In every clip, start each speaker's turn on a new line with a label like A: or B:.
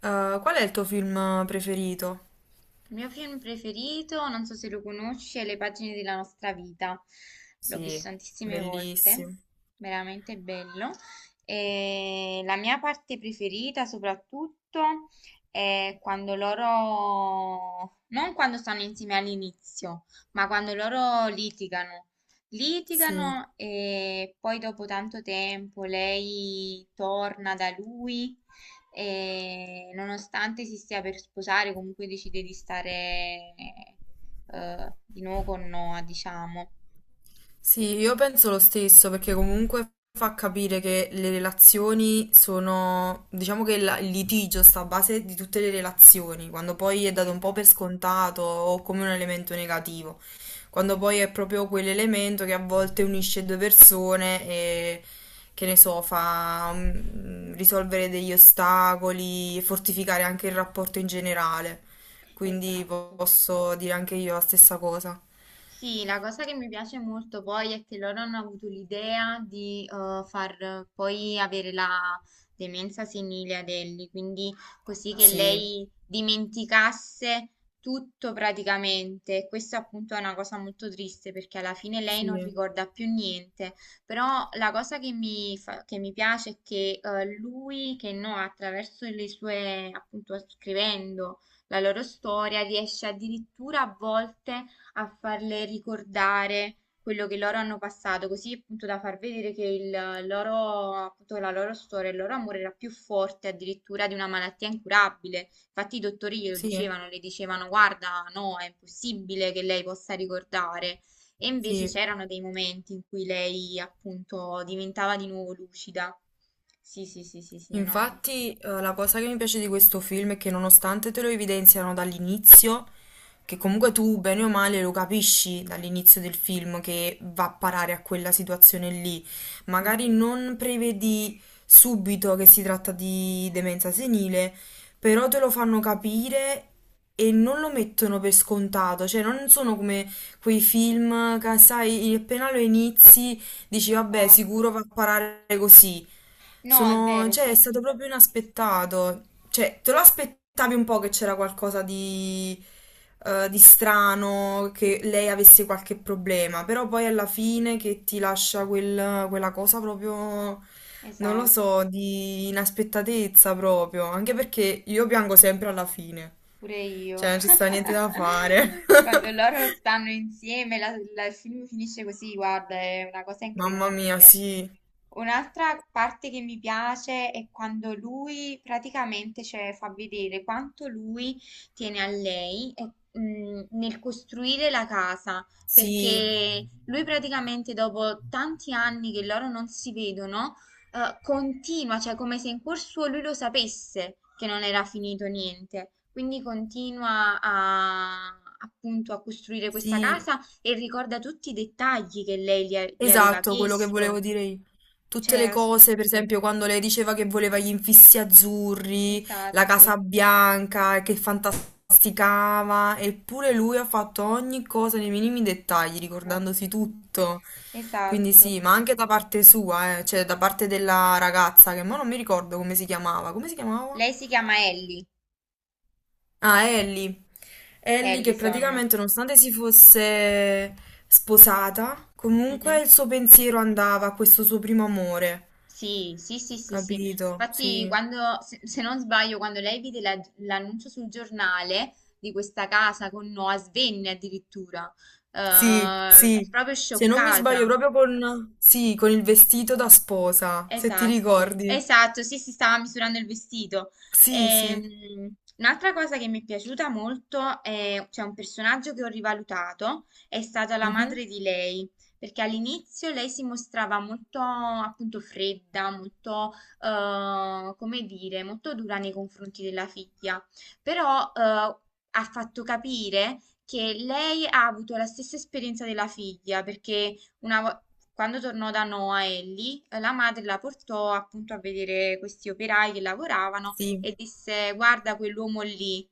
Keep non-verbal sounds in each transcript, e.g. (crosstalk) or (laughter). A: Qual è il tuo film preferito?
B: Il mio film preferito, non so se lo conosci, è Le pagine della nostra vita. L'ho
A: Sì,
B: visto tantissime volte,
A: bellissimo.
B: veramente bello. E la mia parte preferita soprattutto è quando loro, non quando stanno insieme all'inizio, ma quando loro litigano.
A: Sì.
B: Litigano e poi dopo tanto tempo lei torna da lui e nonostante si stia per sposare, comunque decide di stare di nuovo con Noah, diciamo.
A: Sì, io penso lo stesso perché comunque fa capire che le relazioni sono, diciamo che il litigio sta a base di tutte le relazioni, quando poi è
B: Sì,
A: dato un po' per
B: esatto,
A: scontato o come un elemento negativo. Quando poi è proprio quell'elemento che a volte unisce due persone e che ne so, fa risolvere degli ostacoli e fortificare anche il rapporto in generale. Quindi
B: esatto.
A: posso dire anche io la stessa cosa.
B: Sì, la cosa che mi piace molto poi è che loro hanno avuto l'idea di far poi avere la demenza senile ad Ellie, quindi così che
A: Sì,
B: lei dimenticasse tutto praticamente. E questa appunto è una cosa molto triste perché alla fine lei non
A: sì,
B: ricorda più niente, però la cosa che che mi piace è che lui, che no, attraverso le sue, appunto scrivendo la loro storia, riesce addirittura a volte a farle ricordare quello che loro hanno passato, così appunto da far vedere che il loro, appunto, la loro storia, il loro amore era più forte addirittura di una malattia incurabile. Infatti i dottori glielo
A: sì,
B: dicevano, le dicevano guarda, no, è impossibile che lei possa ricordare. E invece
A: sì.
B: c'erano dei momenti in cui lei appunto diventava di nuovo lucida. Sì, sì, sì, sì, sì, no.
A: Infatti, la cosa che mi piace di questo film è che nonostante te lo evidenziano dall'inizio, che comunque tu bene o male lo capisci dall'inizio del film che va a parare a quella situazione lì. Magari
B: Mhm.
A: non prevedi subito che si tratta di demenza senile, però te lo fanno capire e non lo mettono per scontato, cioè non sono come quei film che sai, appena lo inizi dici, vabbè,
B: Esatto.
A: sicuro va a parare così.
B: No, è
A: Sono,
B: vero,
A: cioè,
B: sì,
A: è stato
B: sì,
A: proprio inaspettato. Cioè, te lo aspettavi un po' che c'era qualcosa di strano, che lei avesse qualche problema, però poi alla fine che ti lascia quella cosa proprio, non lo so,
B: esatto.
A: di inaspettatezza proprio. Anche perché io piango sempre alla fine.
B: Pure
A: Cioè,
B: io.
A: non ci sta niente da fare.
B: (laughs) Quando
A: (laughs)
B: loro stanno insieme, il film finisce così, guarda, è una cosa
A: Mamma mia,
B: incredibile.
A: sì,
B: Un'altra parte che mi piace è quando lui praticamente cioè, fa vedere quanto lui tiene a lei e, nel costruire la casa,
A: sì,
B: perché lui praticamente dopo tanti anni che loro non si vedono, continua, cioè come se in cuor suo lui lo sapesse che non era finito niente, quindi continua a appunto a costruire questa
A: sì.
B: casa e ricorda tutti i dettagli che lei gli aveva
A: Esatto, quello che
B: chiesto.
A: volevo dire io.
B: Cioè,
A: Tutte
B: è
A: le cose, per
B: assurdo.
A: esempio, quando lei diceva che voleva gli infissi azzurri, la
B: Esatto,
A: Casa Bianca, e che fantasticava, eppure lui ha fatto ogni cosa nei minimi dettagli,
B: esatto,
A: ricordandosi tutto. Quindi
B: esatto.
A: sì, ma anche da parte sua, cioè da parte della ragazza, che mo non mi ricordo come si chiamava. Come si chiamava?
B: Lei si chiama Ellie,
A: Ah, Ellie. Ellie che
B: Ellison.
A: praticamente nonostante si fosse sposata, comunque
B: Mhm.
A: il suo pensiero andava a questo suo primo amore,
B: Sì, sì, sì, sì, sì.
A: capito?
B: Infatti,
A: Sì,
B: quando, se, se non sbaglio, quando lei vide l'annuncio sul giornale di questa casa con Noah Svenne addirittura,
A: sì, sì.
B: proprio
A: Se non mi sbaglio,
B: scioccata.
A: proprio con, sì, con il vestito da sposa, se ti
B: Esatto,
A: ricordi.
B: esatto, sì, si stava misurando il vestito.
A: Sì, sì.
B: Un'altra cosa che mi è piaciuta molto è, cioè un personaggio che ho rivalutato, è stata la
A: Mhm.
B: madre di lei, perché all'inizio lei si mostrava molto appunto fredda, molto, come dire, molto dura nei confronti della figlia, però ha fatto capire che lei ha avuto la stessa esperienza della figlia, perché una vo- quando tornò da Noa Ellie, la madre la portò appunto a vedere questi operai che lavoravano
A: Sì.
B: e disse: Guarda quell'uomo lì.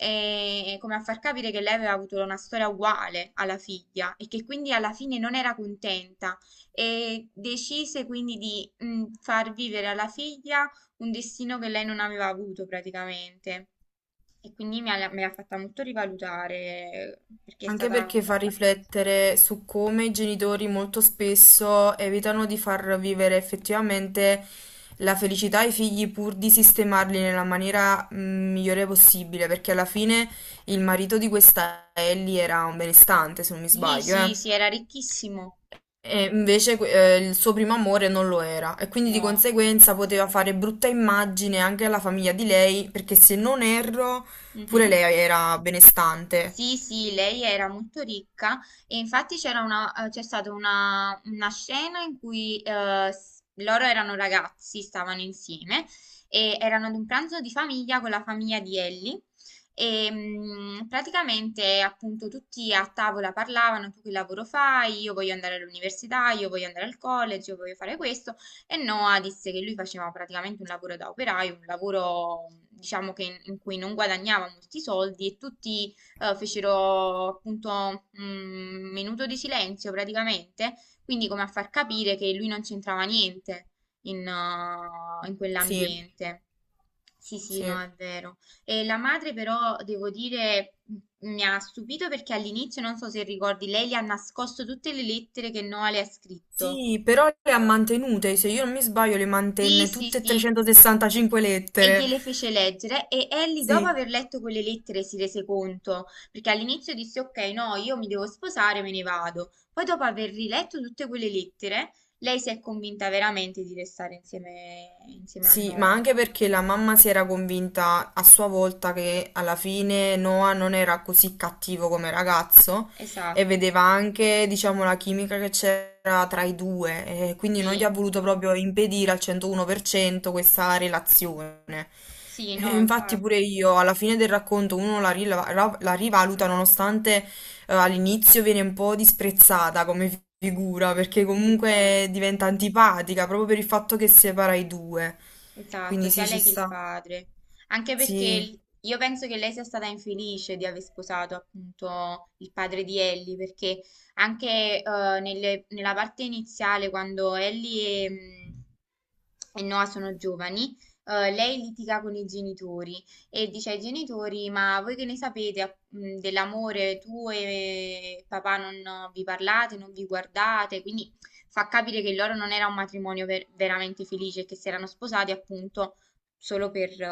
B: E come a far capire che lei aveva avuto una storia uguale alla figlia e che quindi alla fine non era contenta e decise quindi di far vivere alla figlia un destino che lei non aveva avuto praticamente. E quindi mi ha fatta molto rivalutare perché è
A: Anche
B: stata
A: perché
B: alla
A: fa
B: fine.
A: riflettere su come i genitori molto spesso evitano di far vivere effettivamente la felicità ai figli pur di sistemarli nella maniera migliore possibile, perché alla fine il marito di questa Ellie era un benestante, se non mi
B: Sì,
A: sbaglio,
B: sì,
A: eh.
B: sì, era ricchissimo.
A: E invece il suo primo amore non lo era e quindi di
B: No.
A: conseguenza poteva fare
B: Esatto.
A: brutta immagine anche alla famiglia di lei, perché se non erro, pure
B: Mhm.
A: lei era benestante.
B: Sì, sì, lei era molto ricca e infatti c'è stata una scena in cui loro erano ragazzi, stavano insieme e erano ad un pranzo di famiglia con la famiglia di Ellie e praticamente appunto tutti a tavola parlavano, tu che lavoro fai? Io voglio andare all'università, io voglio andare al college, io voglio fare questo e Noah disse che lui faceva praticamente un lavoro da operaio, un lavoro diciamo che in cui non guadagnava molti soldi e tutti fecero appunto un minuto di silenzio praticamente, quindi come a far capire che lui non c'entrava niente in, in
A: Sì,
B: quell'ambiente. Sì, sì,
A: sì.
B: no, è vero. E la madre però, devo dire, mi ha stupito perché all'inizio, non so se ricordi, lei gli ha nascosto tutte le lettere che Noah le ha scritto.
A: Sì, però le ha mantenute, se io non mi sbaglio le
B: Sì,
A: mantenne
B: sì,
A: tutte e
B: sì.
A: 365
B: E
A: lettere.
B: gliele fece leggere e Ellie dopo
A: Sì,
B: aver letto quelle lettere si rese conto, perché all'inizio disse ok, no, io mi devo sposare, me ne vado. Poi dopo aver riletto tutte quelle lettere, lei si è convinta veramente di restare insieme, insieme a
A: sì, ma
B: Noah.
A: anche perché la mamma si era convinta a sua volta che alla fine Noah non era così cattivo come ragazzo e
B: Esatto.
A: vedeva anche, diciamo, la chimica che c'era tra i due e quindi non gli
B: Sì,
A: ha voluto proprio impedire al 101% questa relazione.
B: sì,
A: E
B: no,
A: infatti pure
B: infatti.
A: io alla fine del racconto uno la rivaluta nonostante all'inizio viene un po' disprezzata come figura perché
B: Sì,
A: comunque
B: infatti.
A: diventa antipatica proprio per il fatto che separa i due.
B: Esatto,
A: Quindi
B: sia
A: sì, ci
B: lei che il
A: sta.
B: padre. Anche perché
A: Sì,
B: l- io penso che lei sia stata infelice di aver sposato appunto il padre di Ellie, perché anche eh, nella parte iniziale, quando Ellie e, e Noah sono giovani, lei litiga con i genitori e dice ai genitori: Ma voi che ne sapete dell'amore? Tu e papà non vi parlate, non vi guardate, quindi. Fa capire che il loro non era un matrimonio veramente felice e che si erano sposati appunto solo per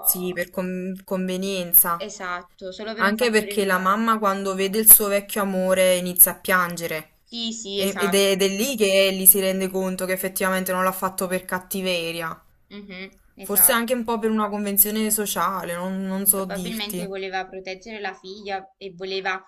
A: sì, per convenienza.
B: esatto, solo per un
A: Anche
B: fattore
A: perché la
B: economico.
A: mamma quando vede il suo vecchio amore inizia a piangere.
B: Sì, sì,
A: E- Ed è,
B: esatto.
A: ed è lì che Ellie si rende conto che effettivamente non l'ha fatto per cattiveria.
B: Mhm,
A: Forse anche
B: esatto.
A: un po' per una convenzione sociale, non, non so
B: Probabilmente
A: dirti.
B: voleva proteggere la figlia e voleva,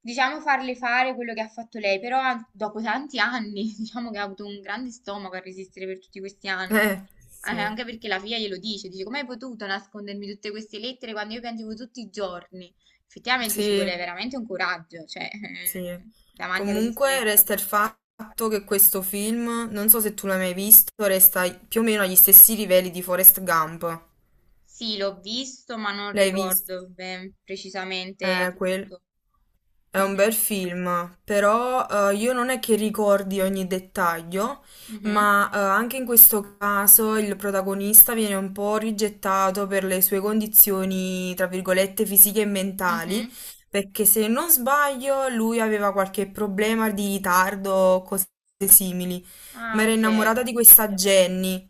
B: diciamo, farle fare quello che ha fatto lei, però dopo tanti anni, (laughs) diciamo che ha avuto un grande stomaco a resistere per tutti questi anni.
A: Sì.
B: Anche perché la figlia glielo dice, dice, come hai potuto nascondermi tutte queste lettere quando io piangevo tutti i giorni? Effettivamente ci
A: Sì,
B: vuole veramente un coraggio, cioè, (laughs)
A: sì.
B: davanti alla
A: Comunque
B: sofferenza
A: resta il
B: così.
A: fatto che questo film, non so se tu l'hai mai visto, resta più o meno agli stessi livelli di Forrest Gump.
B: Sì, l'ho visto, ma non
A: L'hai visto?
B: ricordo ben precisamente
A: Quel...
B: tutto.
A: È un bel
B: Mhm,
A: film, però io non è che ricordi ogni dettaglio,
B: mhm,
A: ma anche in questo caso il protagonista viene un po' rigettato per le sue condizioni, tra virgolette, fisiche e mentali,
B: mhm.
A: perché se non sbaglio lui aveva qualche problema di ritardo o cose simili, ma
B: Ah,
A: era
B: ok.
A: innamorata di questa Jenny,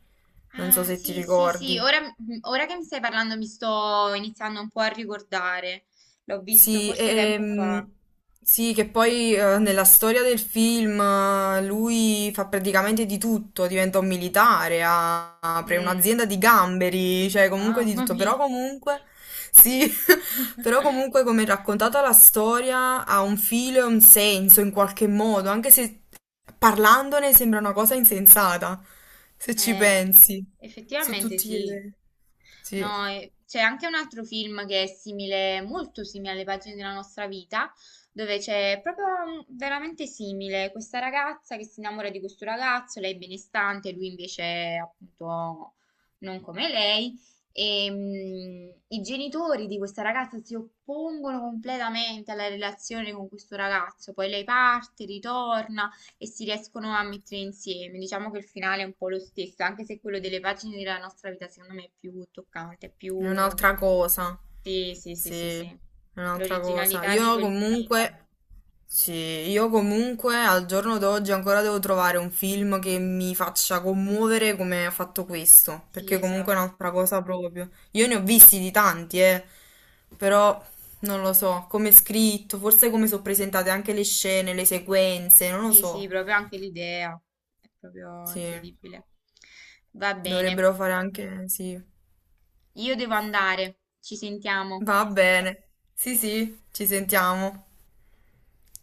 A: non so
B: Ah,
A: se ti
B: sì, sì, sì,
A: ricordi.
B: ora, ora che mi stai parlando mi sto iniziando un po' a ricordare. L'ho visto
A: Sì,
B: forse tempo fa.
A: sì, che poi nella storia del film lui fa praticamente di tutto, diventa un militare, apre
B: Mm,
A: un'azienda di gamberi, cioè comunque di
B: mamma
A: tutto,
B: mia.
A: però comunque, sì, (laughs) però
B: (laughs)
A: comunque come è raccontata la storia ha un filo e un senso in qualche modo, anche se parlandone sembra una cosa insensata, se ci
B: Eh,
A: pensi, su
B: effettivamente
A: tutti gli
B: sì.
A: eventi. Sì.
B: No, e- C'è anche un altro film che è simile, molto simile alle pagine della nostra vita, dove c'è proprio veramente simile questa ragazza che si innamora di questo ragazzo, lei è benestante, lui invece è, appunto non come lei. E, i genitori di questa ragazza si oppongono completamente alla relazione con questo ragazzo, poi lei parte, ritorna e si riescono a mettere insieme. Diciamo che il finale è un po' lo stesso, anche se quello delle pagine della nostra vita secondo me è più toccante, è
A: È
B: più...
A: un'altra cosa.
B: Sì, sì, sì,
A: Sì,
B: sì,
A: è
B: sì.
A: un'altra cosa.
B: L'originalità di
A: Io
B: quel film.
A: comunque, sì, io comunque al giorno d'oggi ancora devo trovare un film che mi faccia commuovere come ha fatto questo,
B: Sì,
A: perché comunque
B: esatto.
A: è un'altra cosa proprio. Io ne ho visti di tanti, però non lo so, come è scritto, forse come sono presentate anche le scene, le sequenze, non lo
B: Sì, sì,
A: so.
B: proprio anche l'idea è proprio
A: Sì,
B: incredibile. Va bene,
A: dovrebbero fare anche, sì.
B: io devo andare, ci sentiamo.
A: Va bene. Sì, sì, ci sentiamo.